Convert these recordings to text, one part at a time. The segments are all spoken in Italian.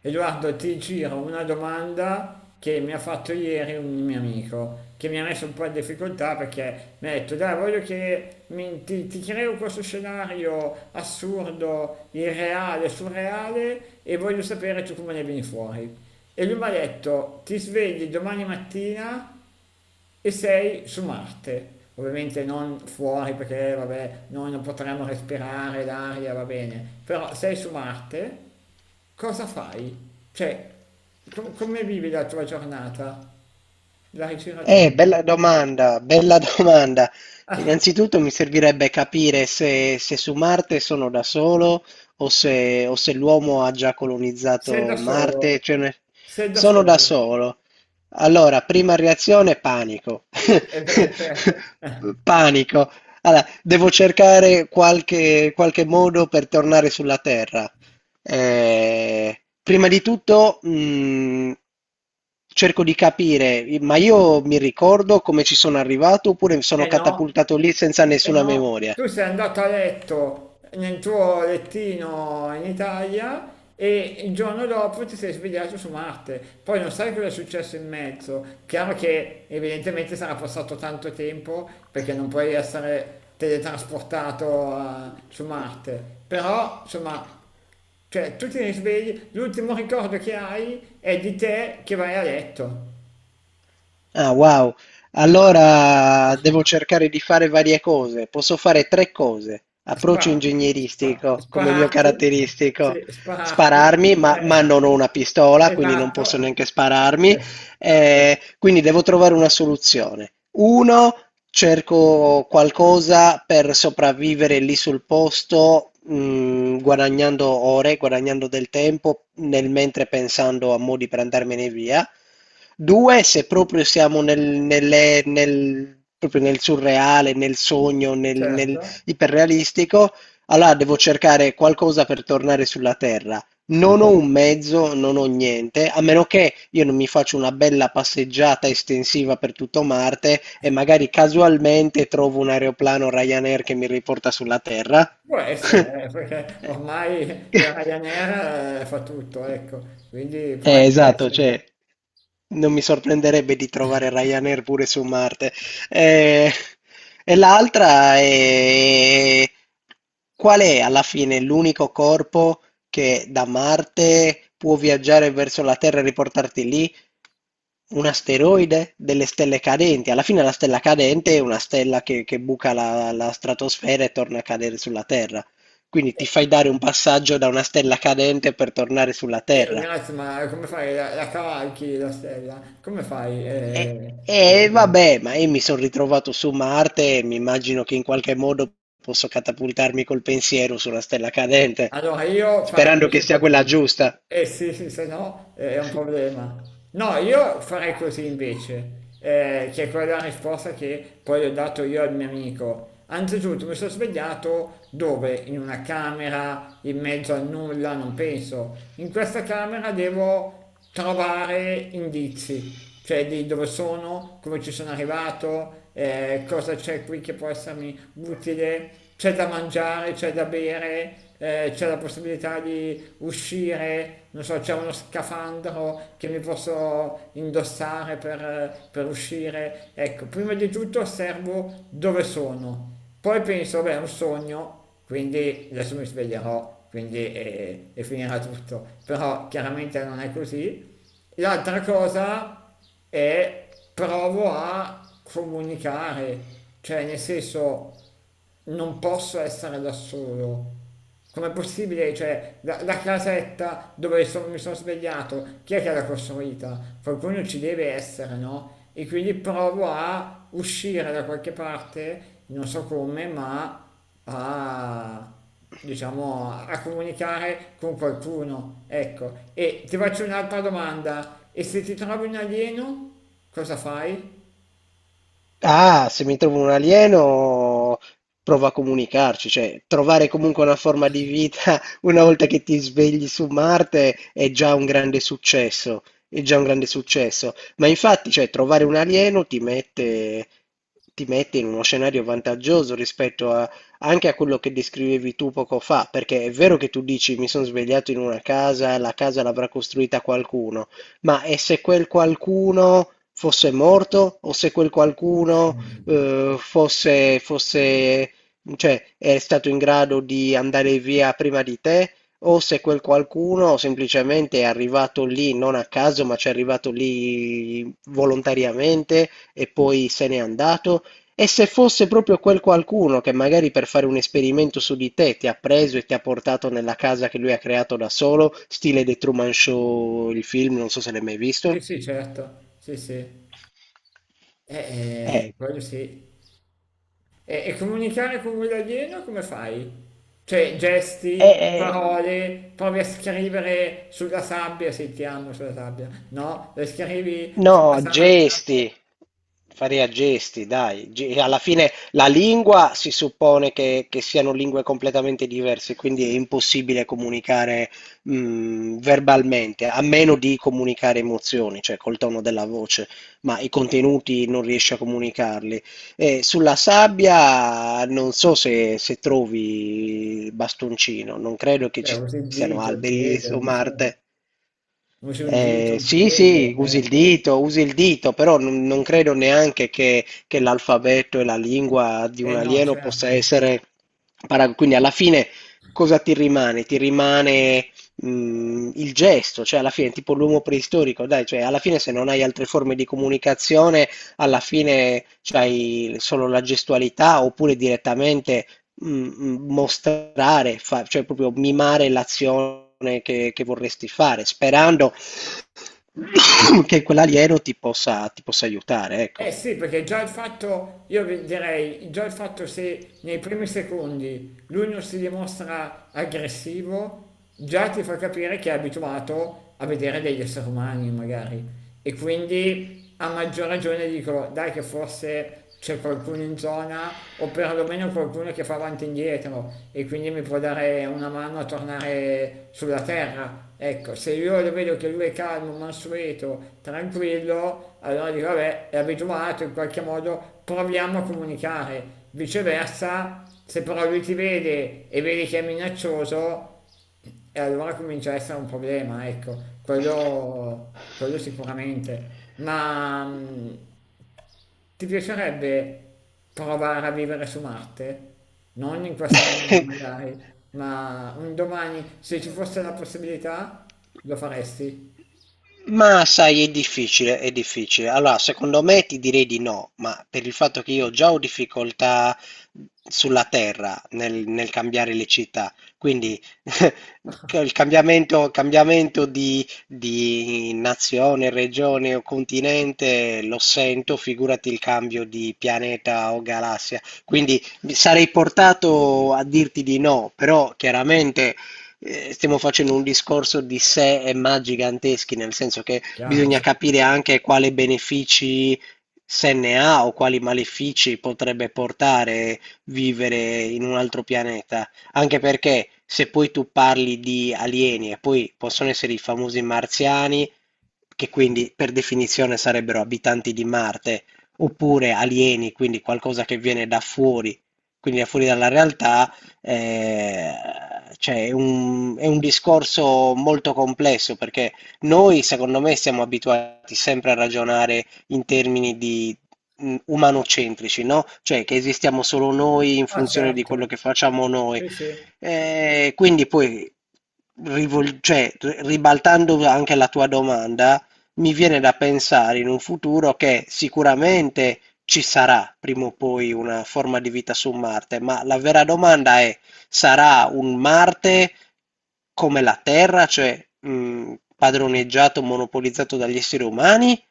E guarda, ti giro una domanda che mi ha fatto ieri un mio amico, che mi ha messo un po' in difficoltà perché mi ha detto, dai, voglio che ti creo questo scenario assurdo, irreale, surreale e voglio sapere tu come ne vieni fuori. E lui mi ha detto, ti svegli domani mattina e sei su Marte. Ovviamente non fuori perché vabbè, noi non potremmo respirare l'aria, va bene, però sei su Marte, cosa fai? Cioè, come vivi la tua giornata? La ricerca a te. Bella domanda, bella domanda. Innanzitutto mi servirebbe capire se su Marte sono da solo o se l'uomo ha già Sei colonizzato da Marte, solo, sei da sono da solo. solo. Allora, prima reazione, panico. E beh, certo. Panico. Allora, devo cercare qualche modo per tornare sulla Terra. Ehm, prima di tutto, cerco di capire, i ma io mi ricordo come ci sono arrivato oppure mi sono Eh no, catapultato lì senza eh nessuna no, memoria? tu sei andato a letto nel tuo lettino in Italia e il giorno dopo ti sei svegliato su Marte. Poi non sai cosa è successo in mezzo. Chiaro che evidentemente sarà passato tanto tempo perché non puoi essere teletrasportato su Marte. Però, insomma, cioè, tu ti risvegli, l'ultimo ricordo che hai è di te che vai a letto. Ah, wow. Allora devo cercare di fare varie cose. Posso fare tre cose. Approccio Spa ingegneristico come mio Sparati, sì, caratteristico. sparati, Spararmi, ma eh. non ho una pistola, quindi non Esatto. posso neanche spararmi. Eh, Quindi devo trovare una soluzione. Uno, cerco qualcosa per sopravvivere lì sul posto, guadagnando ore, guadagnando del tempo, nel mentre pensando a modi per andarmene via. 2, se proprio siamo nel surreale, nel sogno, nel certo. iperrealistico, allora devo cercare qualcosa per tornare sulla terra. Non ho un mezzo, non ho niente, a meno che io non mi faccio una bella passeggiata estensiva per tutto Marte e magari casualmente trovo un aeroplano Ryanair che mi riporta sulla Terra. Può essere, perché ormai Eh. il Ryanair, fa tutto, ecco, quindi può anche esatto, essere. cioè, non mi sorprenderebbe di trovare Ryanair pure su Marte. Eh, e l'altra è qual è alla fine l'unico corpo che da Marte può viaggiare verso la Terra e riportarti lì? Un asteroide? Delle stelle cadenti? Alla fine la stella cadente è una stella che buca la stratosfera e torna a cadere sulla Terra. Quindi ti fai dare un passaggio da una stella cadente per tornare sulla E Terra. grazie, ma come fai? La cavalchi la stella? Come fai? E e vabbè, ma io mi son ritrovato su Marte e mi immagino che in qualche modo posso catapultarmi col pensiero su una stella cadente, Allora io farei sperando che invece sia quella così. giusta. Eh sì, sì, se no è un problema. No, io farei così invece, che è quella risposta che poi ho dato io al mio amico. Anzitutto mi sono svegliato dove? In una camera, in mezzo a nulla, non penso. In questa camera devo trovare indizi, cioè di dove sono, come ci sono arrivato, cosa c'è qui che può essermi utile, c'è da mangiare, c'è da bere, c'è la possibilità di uscire, non so, c'è uno scafandro che mi posso indossare per uscire. Ecco, prima di tutto osservo dove sono, poi penso, beh, è un sogno, quindi adesso mi sveglierò, quindi e finirà tutto. Però chiaramente non è così. L'altra cosa è provo a comunicare, cioè nel senso non posso essere da solo, com'è possibile? Cioè, la casetta mi sono svegliato, chi è che l'ha costruita? Qualcuno ci deve essere, no? E quindi provo a uscire da qualche parte, non so come, ma a, diciamo, a comunicare con qualcuno. Ecco, e ti faccio un'altra domanda. E se ti trovi un alieno, cosa fai? Ah, se mi trovo un alieno, provo a comunicarci, cioè trovare comunque una forma di vita, una volta che ti svegli su Marte è già un grande successo, è già un grande successo. Ma infatti, cioè, trovare un alieno ti mette in uno scenario vantaggioso rispetto a, anche a quello che descrivevi tu poco fa, perché è vero che tu dici mi sono svegliato in una casa, la casa l'avrà costruita qualcuno, ma è se quel qualcuno fosse morto o se quel qualcuno fosse, cioè, è stato in grado di andare via prima di te o se quel qualcuno semplicemente è arrivato lì non a caso, ma ci è arrivato lì volontariamente e poi se n'è andato. E se fosse proprio quel qualcuno che magari per fare un esperimento su di te ti ha preso e ti ha portato nella casa che lui ha creato da solo, stile The Truman Show, il film, non so se l'hai mai visto. Sì, sì, certo. Sì, sì. Eh, Quello sì. E comunicare con quello alieno come fai? Cioè, eh, gesti, eh, parole, provi a scrivere sulla sabbia se ti hanno sulla sabbia. No, le scrivi sulla No, sabbia. gesti, faria gesti, dai. Alla fine la lingua si suppone che siano lingue completamente diverse, quindi è impossibile comunicare verbalmente, a meno di comunicare emozioni, cioè col tono della voce, ma i contenuti non riesci a comunicarli. E sulla sabbia non so se, se trovi il bastoncino, non credo che Beh, ci usi il siano dito, il alberi piede, su non so. Marte. Usi un dito, un Sì, piede. sì, usi il dito, però non credo neanche che l'alfabeto e la lingua di un Eh no, alieno possa certo. essere quindi alla fine cosa ti rimane? Ti rimane il gesto, cioè alla fine tipo l'uomo preistorico, dai, cioè alla fine se non hai altre forme di comunicazione, alla fine c'hai solo la gestualità oppure direttamente mostrare, cioè proprio mimare l'azione che vorresti fare, sperando che quell'alieno ti possa aiutare, ecco. Eh sì, perché già il fatto, direi, già il fatto se nei primi secondi lui non si dimostra aggressivo, già ti fa capire che è abituato a vedere degli esseri umani magari e quindi a maggior ragione dico dai che forse c'è qualcuno in zona o perlomeno qualcuno che fa avanti e indietro e quindi mi può dare una mano a tornare sulla terra. Ecco, se io lo vedo che lui è calmo, mansueto, tranquillo, allora dico vabbè, è abituato in qualche modo, proviamo a comunicare. Viceversa, se però lui ti vede e vedi che è minaccioso, e allora comincia a essere un problema, ecco, quello sicuramente. Ma ti piacerebbe provare a vivere su Marte? Non in questa maniera magari, ma un domani, se ci fosse la possibilità, lo faresti? Ma sai, è difficile, è difficile. Allora, secondo me ti direi di no, ma per il fatto che io già ho difficoltà sulla terra nel cambiare le città, quindi che il cambiamento di nazione, regione o continente lo sento, figurati il cambio di pianeta o galassia. Quindi mi sarei portato a dirti di no, però chiaramente stiamo facendo un discorso di sé e ma giganteschi, nel senso che Chiaro. bisogna capire anche quale benefici se ne ha o quali malefici potrebbe portare vivere in un altro pianeta. Anche perché se poi tu parli di alieni e poi possono essere i famosi marziani, che quindi per definizione sarebbero abitanti di Marte, oppure alieni, quindi qualcosa che viene da fuori, quindi da fuori dalla realtà. Ehm, cioè è un discorso molto complesso perché noi, secondo me, siamo abituati sempre a ragionare in termini di umanocentrici, no? Cioè che esistiamo solo noi in Ah, funzione di quello certo. che facciamo noi. Sì, sì. Quindi poi, ribaltando anche la tua domanda, mi viene da pensare in un futuro che sicuramente ci sarà prima o poi una forma di vita su Marte, ma la vera domanda è, sarà un Marte come la Terra, cioè padroneggiato, monopolizzato dagli esseri umani?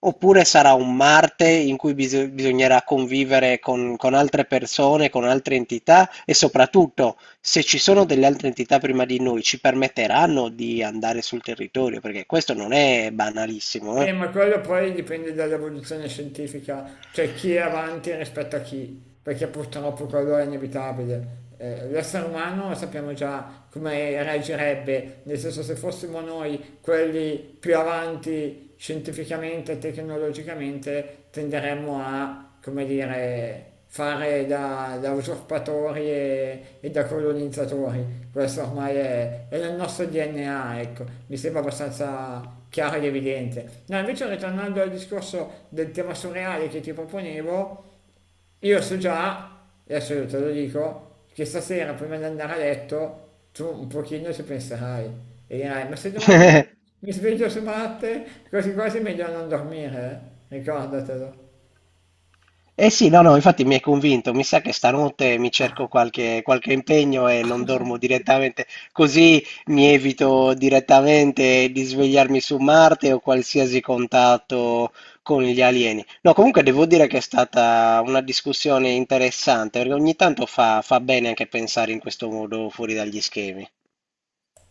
Oppure sarà un Marte in cui bisognerà convivere con altre persone, con altre entità e soprattutto se ci sono delle altre entità prima di noi, ci permetteranno di andare sul territorio? Perché questo non è banalissimo, eh. Ma quello poi dipende dall'evoluzione scientifica, cioè chi è avanti rispetto a chi, perché purtroppo quello è inevitabile. L'essere umano sappiamo già come reagirebbe, nel senso se fossimo noi quelli più avanti scientificamente e tecnologicamente tenderemmo a, come dire, fare da, da usurpatori e da colonizzatori. Questo ormai è nel nostro DNA, ecco, mi sembra abbastanza chiaro ed evidente. No, invece ritornando al discorso del tema surreale che ti proponevo, io so già, adesso io te lo dico, che stasera prima di andare a letto tu un pochino ci penserai e dirai, ma se domani mi sveglio su Marte, quasi quasi è meglio non dormire, eh? Ricordatelo. Eh sì, no, no, infatti mi hai convinto. Mi sa che stanotte mi cerco qualche impegno e non dormo direttamente, così mi evito direttamente di svegliarmi su Marte o qualsiasi contatto con gli alieni. No, comunque devo dire che è stata una discussione interessante, perché ogni tanto fa bene anche pensare in questo modo fuori dagli schemi.